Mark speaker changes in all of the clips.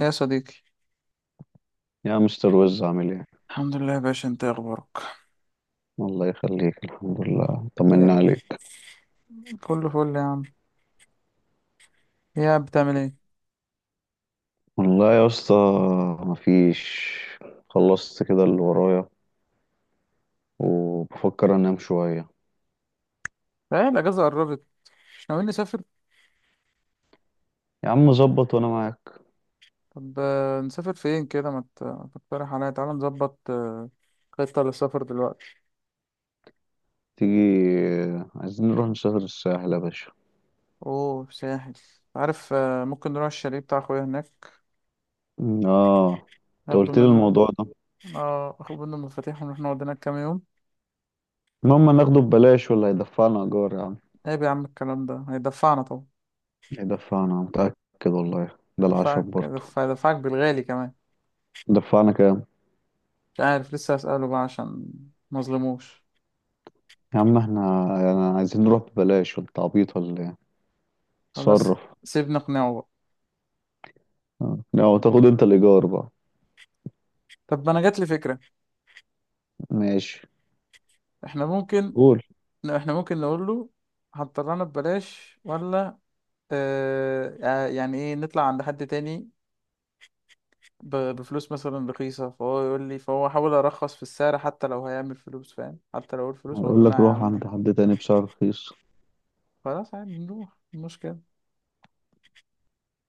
Speaker 1: يا صديقي.
Speaker 2: يا مستر وز، عامل ايه؟
Speaker 1: الحمد لله يا باشا، انت ايه اخبارك؟
Speaker 2: الله يخليك، الحمد لله، طمنا
Speaker 1: يا
Speaker 2: عليك.
Speaker 1: كله فل يا عم. يا بتعمل ايه؟
Speaker 2: والله يا اسطى، مفيش، خلصت كده اللي ورايا وبفكر انام شوية.
Speaker 1: ايه، الأجازة قربت، مش ناويين نسافر؟
Speaker 2: يا عم ظبط وانا معاك.
Speaker 1: طب نسافر فين كده، ما تقترح عليا؟ تعالى نظبط خطة للسفر دلوقتي.
Speaker 2: تيجي، عايزين نروح نسافر الساحل يا باشا.
Speaker 1: اوه، ساحل. عارف، ممكن نروح الشاليه بتاع اخويا هناك،
Speaker 2: اه، انت
Speaker 1: ناخده
Speaker 2: قلت لي
Speaker 1: منه.
Speaker 2: الموضوع ده.
Speaker 1: اه، اخد منه المفاتيح ونروح نقعد هناك كام يوم.
Speaker 2: المهم ناخده ببلاش ولا هيدفعنا ايجار يا عم؟
Speaker 1: عيب يا عم الكلام ده، هيدفعنا طبعا.
Speaker 2: هيدفعنا، متأكد والله، ده
Speaker 1: دفعك،
Speaker 2: العشم برضه.
Speaker 1: دفعك بالغالي كمان.
Speaker 2: دفعنا كام؟
Speaker 1: مش عارف، لسه هسأله بقى عشان مظلموش.
Speaker 2: يا عم احنا يعني عايزين نروح ببلاش، وانت عبيط ولا ايه؟
Speaker 1: خلاص،
Speaker 2: صرف.
Speaker 1: سيبنا نقنعه بقى.
Speaker 2: اه، لو تاخد انت الايجار بقى.
Speaker 1: طب ما انا جات لي فكره.
Speaker 2: ماشي،
Speaker 1: احنا ممكن،
Speaker 2: قول.
Speaker 1: نقول له هتطلعنا ببلاش ولا يعني ايه، نطلع عند حد تاني بفلوس مثلا رخيصه، فهو يقول لي، فهو احاول ارخص في السعر، حتى لو هيعمل فلوس فاهم، حتى لو الفلوس اقول
Speaker 2: هيقول
Speaker 1: له لا يا
Speaker 2: لك روح عند
Speaker 1: عم.
Speaker 2: حد تاني بسعر رخيص.
Speaker 1: خلاص عادي نروح، إيه المشكله؟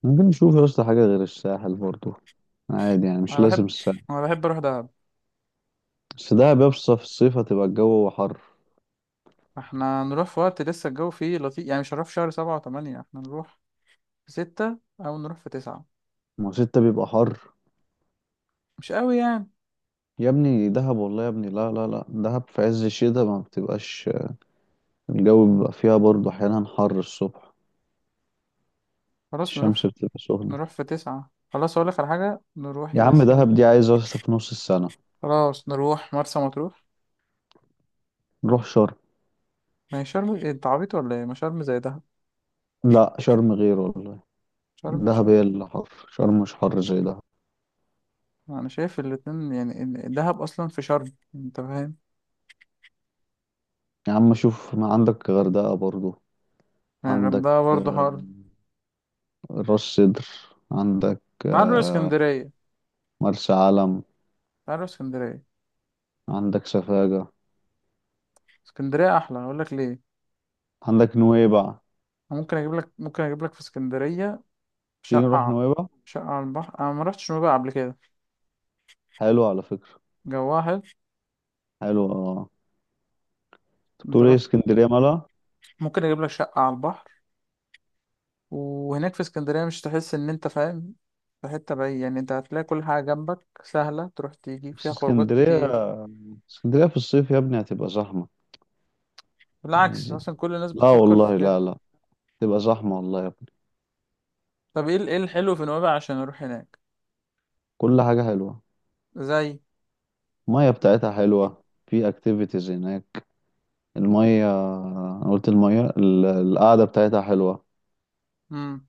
Speaker 2: ممكن نشوف يا اسطى حاجه غير الساحل برضو. عادي، يعني مش
Speaker 1: انا
Speaker 2: لازم
Speaker 1: بحب
Speaker 2: الساحل.
Speaker 1: انا بحب اروح دهب.
Speaker 2: بس دهب يا اسطى في الصيف هتبقى الجو حر.
Speaker 1: احنا نروح في وقت لسه الجو فيه لطيف، يعني مش هنروح في شهر 7 و8، احنا نروح في 6 او نروح في 9.
Speaker 2: ما هو ستة بيبقى حر.
Speaker 1: مش قوي يعني.
Speaker 2: يا ابني دهب، والله يا ابني لا لا لا، دهب في عز الشتاء ما بتبقاش. الجو بيبقى فيها برضو احيانا حر الصبح.
Speaker 1: خلاص نروح،
Speaker 2: الشمس بتبقى سخنه.
Speaker 1: نروح في 9. خلاص، أقولك على حاجة، نروح
Speaker 2: يا
Speaker 1: يا
Speaker 2: عم دهب
Speaker 1: سيدي.
Speaker 2: دي عايزه يا اسطى في نص السنه.
Speaker 1: خلاص نروح مرسى مطروح.
Speaker 2: نروح شرم.
Speaker 1: ما هي شرم إيه، أنت عبيط ولا إيه؟ ما شرم زي دهب.
Speaker 2: لا، شرم غير والله.
Speaker 1: شرم
Speaker 2: دهب
Speaker 1: شرم.
Speaker 2: هي اللي حر، شرم مش حر زي ده.
Speaker 1: أنا شايف الاتنين يعني، إن دهب أصلا في شرم، أنت فاهم.
Speaker 2: يا عم شوف، ما عندك غردقة برضو.
Speaker 1: يعني
Speaker 2: عندك
Speaker 1: الغردقة برضه
Speaker 2: آه،
Speaker 1: حر.
Speaker 2: راس سدر. عندك
Speaker 1: تعال نروح
Speaker 2: آه،
Speaker 1: اسكندرية،
Speaker 2: مرسى علم.
Speaker 1: تعال نروح اسكندرية.
Speaker 2: عندك سفاجة.
Speaker 1: اسكندرية أحلى، أقولك ليه.
Speaker 2: عندك نويبع.
Speaker 1: أنا ممكن أجيب لك، في اسكندرية
Speaker 2: تيجي
Speaker 1: شقة
Speaker 2: نروح
Speaker 1: ع-
Speaker 2: نويبع.
Speaker 1: شقة على البحر. أنا ما رحتش نوبة قبل كده،
Speaker 2: حلو على فكرة.
Speaker 1: جواها حلو.
Speaker 2: حلو اه. أنت
Speaker 1: أنت
Speaker 2: بتقول ايه،
Speaker 1: رحت؟
Speaker 2: اسكندرية مالها؟
Speaker 1: ممكن أجيب لك شقة على البحر، وهناك في اسكندرية مش تحس إن أنت فاهم في حتة بعيد، يعني أنت هتلاقي كل حاجة جنبك سهلة، تروح تيجي،
Speaker 2: بس
Speaker 1: فيها خروجات
Speaker 2: اسكندرية
Speaker 1: كتير.
Speaker 2: اسكندرية في الصيف يا ابني هتبقى زحمة.
Speaker 1: بالعكس،
Speaker 2: عايزين،
Speaker 1: مثلا كل الناس
Speaker 2: لا
Speaker 1: بتفكر في
Speaker 2: والله،
Speaker 1: كده.
Speaker 2: لا لا. تبقى زحمة والله يا ابني.
Speaker 1: طب إيه إيه الحلو في نويبع عشان أروح هناك؟
Speaker 2: كل حاجة حلوة.
Speaker 1: زي.
Speaker 2: المية بتاعتها حلوة، في اكتيفيتيز هناك. المية، انا قلت المية، القعدة بتاعتها حلوة.
Speaker 1: مم.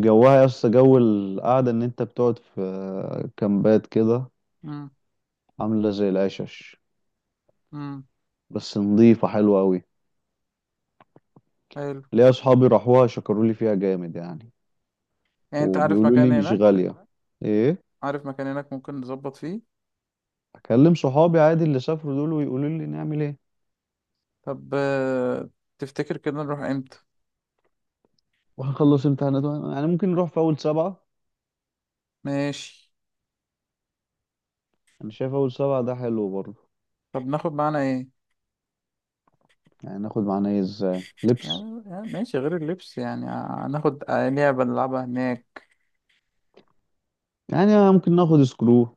Speaker 2: جوها يا اسطى، جو القعدة ان انت بتقعد في كامبات كده.
Speaker 1: مم.
Speaker 2: عاملة زي العشش.
Speaker 1: مم.
Speaker 2: بس نظيفة حلوة اوي.
Speaker 1: حلو.
Speaker 2: ليا اصحابي راحوها، شكروا لي فيها جامد يعني.
Speaker 1: يعني أنت عارف
Speaker 2: وبيقولوا
Speaker 1: مكان
Speaker 2: لي مش
Speaker 1: هناك؟
Speaker 2: غالية. ايه؟
Speaker 1: عارف مكان هناك ممكن نظبط فيه؟
Speaker 2: اكلم صحابي عادي اللي سافروا دول ويقولوا لي نعمل ايه.
Speaker 1: طب تفتكر كده نروح إمتى؟
Speaker 2: وهنخلص امتحانات، يعني ممكن نروح في اول سبعة.
Speaker 1: ماشي.
Speaker 2: انا شايف اول سبعة ده حلو برضه.
Speaker 1: طب ناخد معانا إيه؟
Speaker 2: يعني ناخد معانا ايه؟ ازاي لبس؟
Speaker 1: يعني، ماشي غير اللبس، يعني هناخد لعبة نلعبها هناك.
Speaker 2: يعني ممكن ناخد سكرو،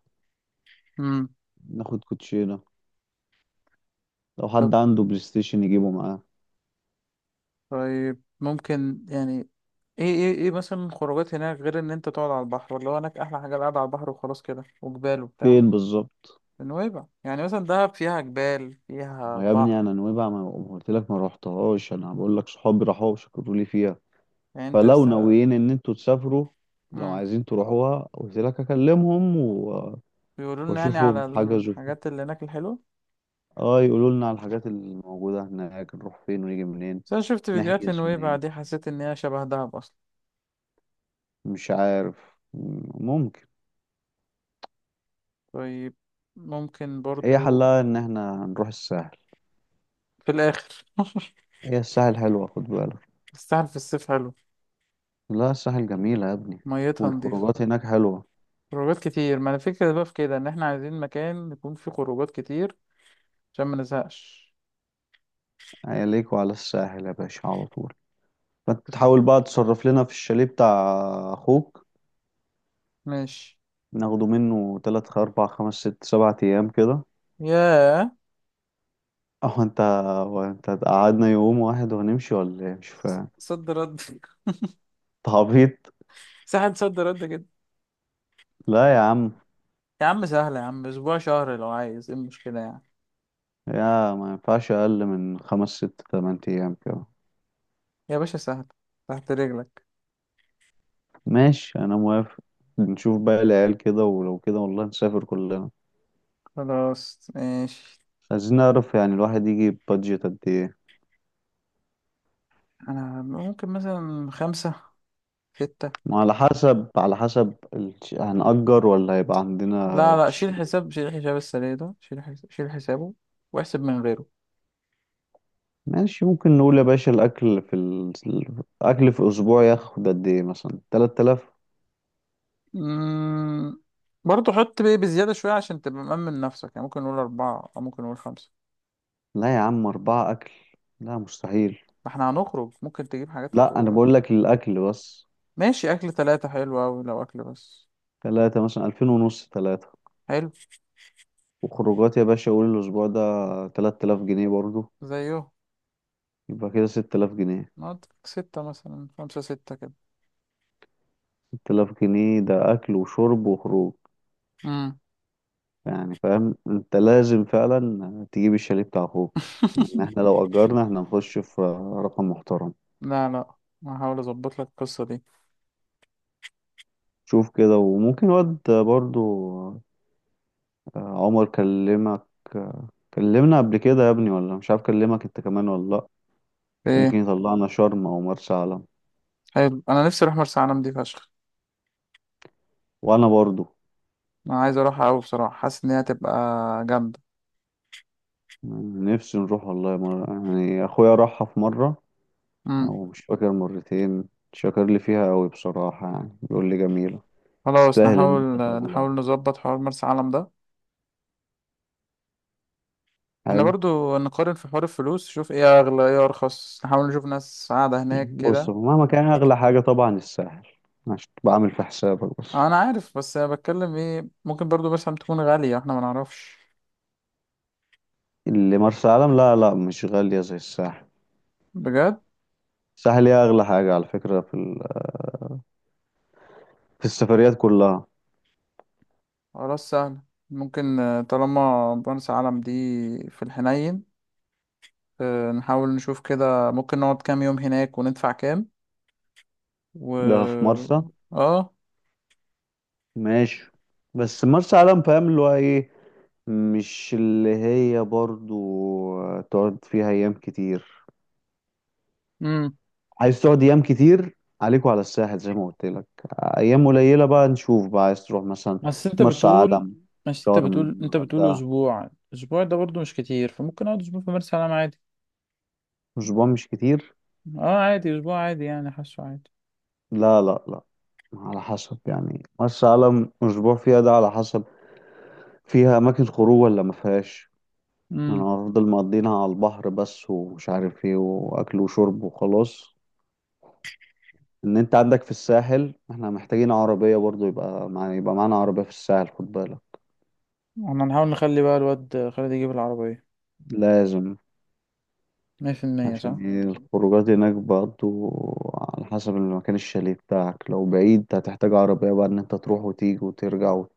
Speaker 1: مم.
Speaker 2: ناخد كوتشينة. لو حد
Speaker 1: طب،
Speaker 2: عنده بلاي ستيشن يجيبه معاه.
Speaker 1: طيب ممكن يعني، ايه مثلا خروجات هناك غير ان انت تقعد على البحر؟ ولا هو هناك احلى حاجه القعده على البحر وخلاص كده، وجبال وبتاع؟
Speaker 2: فين بالظبط؟
Speaker 1: نويبع يعني مثلا دهب فيها جبال فيها
Speaker 2: ما يا ابني
Speaker 1: بحر.
Speaker 2: انا نويبع، ما قلت لك ما روحتهاش، انا بقول لك صحابي راحوا وشكروا لي فيها.
Speaker 1: يعني انت
Speaker 2: فلو
Speaker 1: لسه.
Speaker 2: ناويين ان انتوا تسافروا، لو
Speaker 1: امم.
Speaker 2: عايزين تروحوها قلت لك اكلمهم و...
Speaker 1: بيقولوا لنا يعني
Speaker 2: واشوفهم
Speaker 1: على
Speaker 2: حجزوا فين.
Speaker 1: الحاجات اللي هناك الحلوه.
Speaker 2: اه يقولوا لنا على الحاجات الموجوده هناك، نروح فين ونيجي منين.
Speaker 1: بس انا شفت فيديوهات
Speaker 2: نحجز
Speaker 1: لنويبع
Speaker 2: منين؟
Speaker 1: دي، حسيت ان هي شبه دهب اصلا.
Speaker 2: مش عارف. ممكن.
Speaker 1: طيب، ممكن
Speaker 2: هي
Speaker 1: برضو.
Speaker 2: حلها ان احنا نروح الساحل.
Speaker 1: في الاخر
Speaker 2: هي الساحل حلوه خد بالك.
Speaker 1: الساحل في الصيف حلو.
Speaker 2: لا الساحل جميله يا ابني.
Speaker 1: ميتها نضيفه.
Speaker 2: والخروجات هناك حلوه.
Speaker 1: خروجات كتير، ما انا فكرة بقى في كده، ان احنا عايزين مكان يكون فيه خروجات كتير عشان ما نزهقش.
Speaker 2: عليك وعلى الساحل يا باشا على طول. فتحاول بقى تصرف لنا في الشاليه بتاع اخوك.
Speaker 1: ماشي.
Speaker 2: ناخده منه تلات اربع خمس ست سبع ايام كده.
Speaker 1: ياه.
Speaker 2: اهو انت. هو انت قعدنا يوم واحد وهنمشي ولا ايه، مش فاهم.
Speaker 1: صد رد
Speaker 2: انت عبيط.
Speaker 1: سهل صد رد كده.
Speaker 2: لا يا عم،
Speaker 1: يا عم سهلة يا عم، أسبوع شهر لو عايز، إيه المشكلة يعني؟
Speaker 2: يا ما ينفعش اقل من خمس ست تمن ايام كده.
Speaker 1: يا باشا سهل، تحت رجلك.
Speaker 2: ماشي انا موافق. نشوف بقى العيال كده، ولو كده والله نسافر كلنا.
Speaker 1: خلاص ماشي.
Speaker 2: عايزين نعرف يعني الواحد يجيب بادجت قد ايه.
Speaker 1: أنا ممكن مثلا خمسة، ستة.
Speaker 2: ما على حسب، على حسب هنأجر ولا هيبقى عندنا.
Speaker 1: لا لا، شيل حساب، السريع ده، شيل حسابه واحسب من غيره.
Speaker 2: ماشي، ممكن نقول يا باشا الأكل في ال... الأكل في أسبوع ياخد قد إيه، مثلا 3000؟
Speaker 1: مم... برضه حط بيه بزيادة شوية عشان تبقى مأمن نفسك، يعني ممكن نقول أربعة أو ممكن نقول خمسة.
Speaker 2: لا يا عم، أربعة أكل لا مستحيل.
Speaker 1: ما احنا هنخرج، ممكن تجيب حاجات في
Speaker 2: لا أنا
Speaker 1: الخروج.
Speaker 2: بقول لك الأكل بس.
Speaker 1: ماشي، أكل تلاتة حلو أوي لو أكل بس.
Speaker 2: تلاتة، مثلا 2500، تلاتة.
Speaker 1: حلو.
Speaker 2: وخروجات يا باشا قول الأسبوع ده 3000 جنيه برضه.
Speaker 1: زيه.
Speaker 2: يبقى كده 6000 جنيه.
Speaker 1: نقعد ستة مثلا، خمسة ستة كده.
Speaker 2: ست آلاف جنيه ده أكل وشرب وخروج.
Speaker 1: مم.
Speaker 2: يعني فاهم، أنت لازم فعلا تجيب الشاليه بتاع أخوك. إن إحنا لو أجرنا إحنا نخش في رقم محترم.
Speaker 1: لا لا، ما هحاول أظبط لك القصة دي.
Speaker 2: شوف كده. وممكن واد برضه، عمر كلمك، آه، كلمنا قبل كده يا ابني ولا مش عارف كلمك انت كمان ولا لا.
Speaker 1: إيه.
Speaker 2: ممكن يطلعنا شرم او مرسى علم.
Speaker 1: حلو، أنا نفسي أروح مرسى علم دي فشخ.
Speaker 2: وانا برضو
Speaker 1: أنا عايز أروحها أوي بصراحة، حاسس إن هي هتبقى جامدة.
Speaker 2: نفسي نروح والله مرة، يعني اخويا راحها في مرة
Speaker 1: مم.
Speaker 2: او مش فاكر مرتين، شكر لي فيها قوي بصراحة، يعني بيقول لي جميلة.
Speaker 1: خلاص
Speaker 2: تستاهل
Speaker 1: نحاول،
Speaker 2: ان انت تروح لها.
Speaker 1: نظبط حوار مرسى علم ده. احنا
Speaker 2: حلو.
Speaker 1: برضو نقارن في حوار الفلوس، نشوف ايه اغلى ايه ارخص، نحاول نشوف ناس قاعدة هناك
Speaker 2: بص
Speaker 1: كده.
Speaker 2: هو مهما كان اغلى حاجة طبعا الساحل، عشان بعمل في حسابك بس.
Speaker 1: انا عارف، بس انا بتكلم ايه، ممكن برضو مرسى علم تكون غالية، احنا ما نعرفش.
Speaker 2: اللي مرسى علم لا لا، مش غالية زي الساحل.
Speaker 1: بجد؟
Speaker 2: الساحل هي اغلى حاجة على فكرة في السفريات كلها.
Speaker 1: خلاص سهل. ممكن طالما بنس عالم دي في الحنين، نحاول نشوف كده، ممكن نقعد كام يوم هناك وندفع كام.
Speaker 2: ده في
Speaker 1: و.
Speaker 2: مرسى.
Speaker 1: اه.
Speaker 2: ماشي، بس مرسى علم فاهم اللي هو ايه، مش اللي هي برضو تقعد فيها ايام كتير.
Speaker 1: امم.
Speaker 2: عايز تقعد ايام كتير عليكوا على الساحل زي ما قلت لك. ايام قليلة بقى نشوف بقى، عايز تروح مثلا
Speaker 1: بس انت
Speaker 2: مرسى
Speaker 1: بتقول،
Speaker 2: علم، شرم، الغردقة،
Speaker 1: اسبوع، اسبوع ده برضو مش كتير، فممكن اقعد اسبوع في مرسى علم عادي.
Speaker 2: اسبوع مش كتير.
Speaker 1: اه عادي، اسبوع عادي يعني، حاسه عادي.
Speaker 2: لا لا لا، على حسب، يعني مرسى علم اسبوع فيها ده على حسب، فيها اماكن خروج ولا ما فيهاش. انا
Speaker 1: امم.
Speaker 2: هفضل مقضينها على البحر بس ومش عارف ايه، واكل وشرب وخلاص. ان انت عندك في الساحل احنا محتاجين عربية برضو، يبقى معانا عربية في الساحل خد بالك.
Speaker 1: احنا نحاول نخلي بقى الواد خالد يجيب العربية،
Speaker 2: لازم،
Speaker 1: 100%، صح؟
Speaker 2: عشان ايه الخروجات هناك برضو. على حسب المكان، الشاليه بتاعك لو بعيد هتحتاج عربية بقى ان انت تروح وتيجي وترجع و...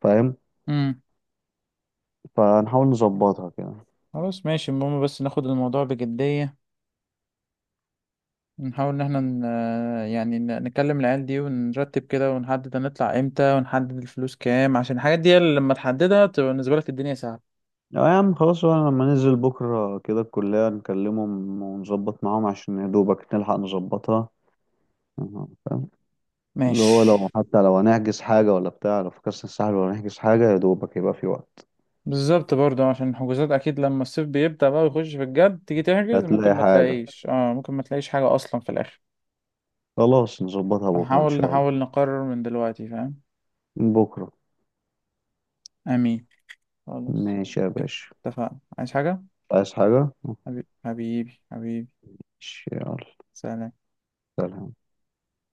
Speaker 2: فاهم؟
Speaker 1: امم.
Speaker 2: فهنحاول نظبطها كده.
Speaker 1: خلاص ماشي، المهم بس ناخد الموضوع بجدية. نحاول ان احنا يعني نكلم العيال دي ونرتب كده، ونحدد هنطلع امتى، ونحدد الفلوس كام، عشان الحاجات دي اللي لما تحددها تبقى بالنسبة لك الدنيا سهلة.
Speaker 2: لا يا عم خلاص بقى، لما ننزل بكرة كده الكلية نكلمهم ونظبط معاهم، عشان يا دوبك نلحق نظبطها. أها. اللي هو
Speaker 1: ماشي.
Speaker 2: لو، حتى لو هنحجز حاجة ولا بتاع، لو في كاس الساحل ولا هنحجز حاجة، يا دوبك يبقى في وقت.
Speaker 1: بالظبط، برضه عشان الحجوزات اكيد لما الصيف بيبدأ بقى ويخش في الجد، تيجي تحجز ممكن
Speaker 2: هتلاقي
Speaker 1: ما
Speaker 2: حاجة.
Speaker 1: تلاقيش، اه ممكن ما تلاقيش حاجة اصلا في الاخر.
Speaker 2: خلاص نظبطها بكرة إن
Speaker 1: هنحاول،
Speaker 2: شاء الله.
Speaker 1: نقرر من دلوقتي، فاهم؟
Speaker 2: بكرة.
Speaker 1: امين. خلاص،
Speaker 2: ماشي يا باشا.
Speaker 1: اتفقنا. عايز حاجة؟
Speaker 2: عايز حاجة؟
Speaker 1: حبيبي حبيبي حبيبي.
Speaker 2: ماشي يلا.
Speaker 1: سلام.
Speaker 2: سلام.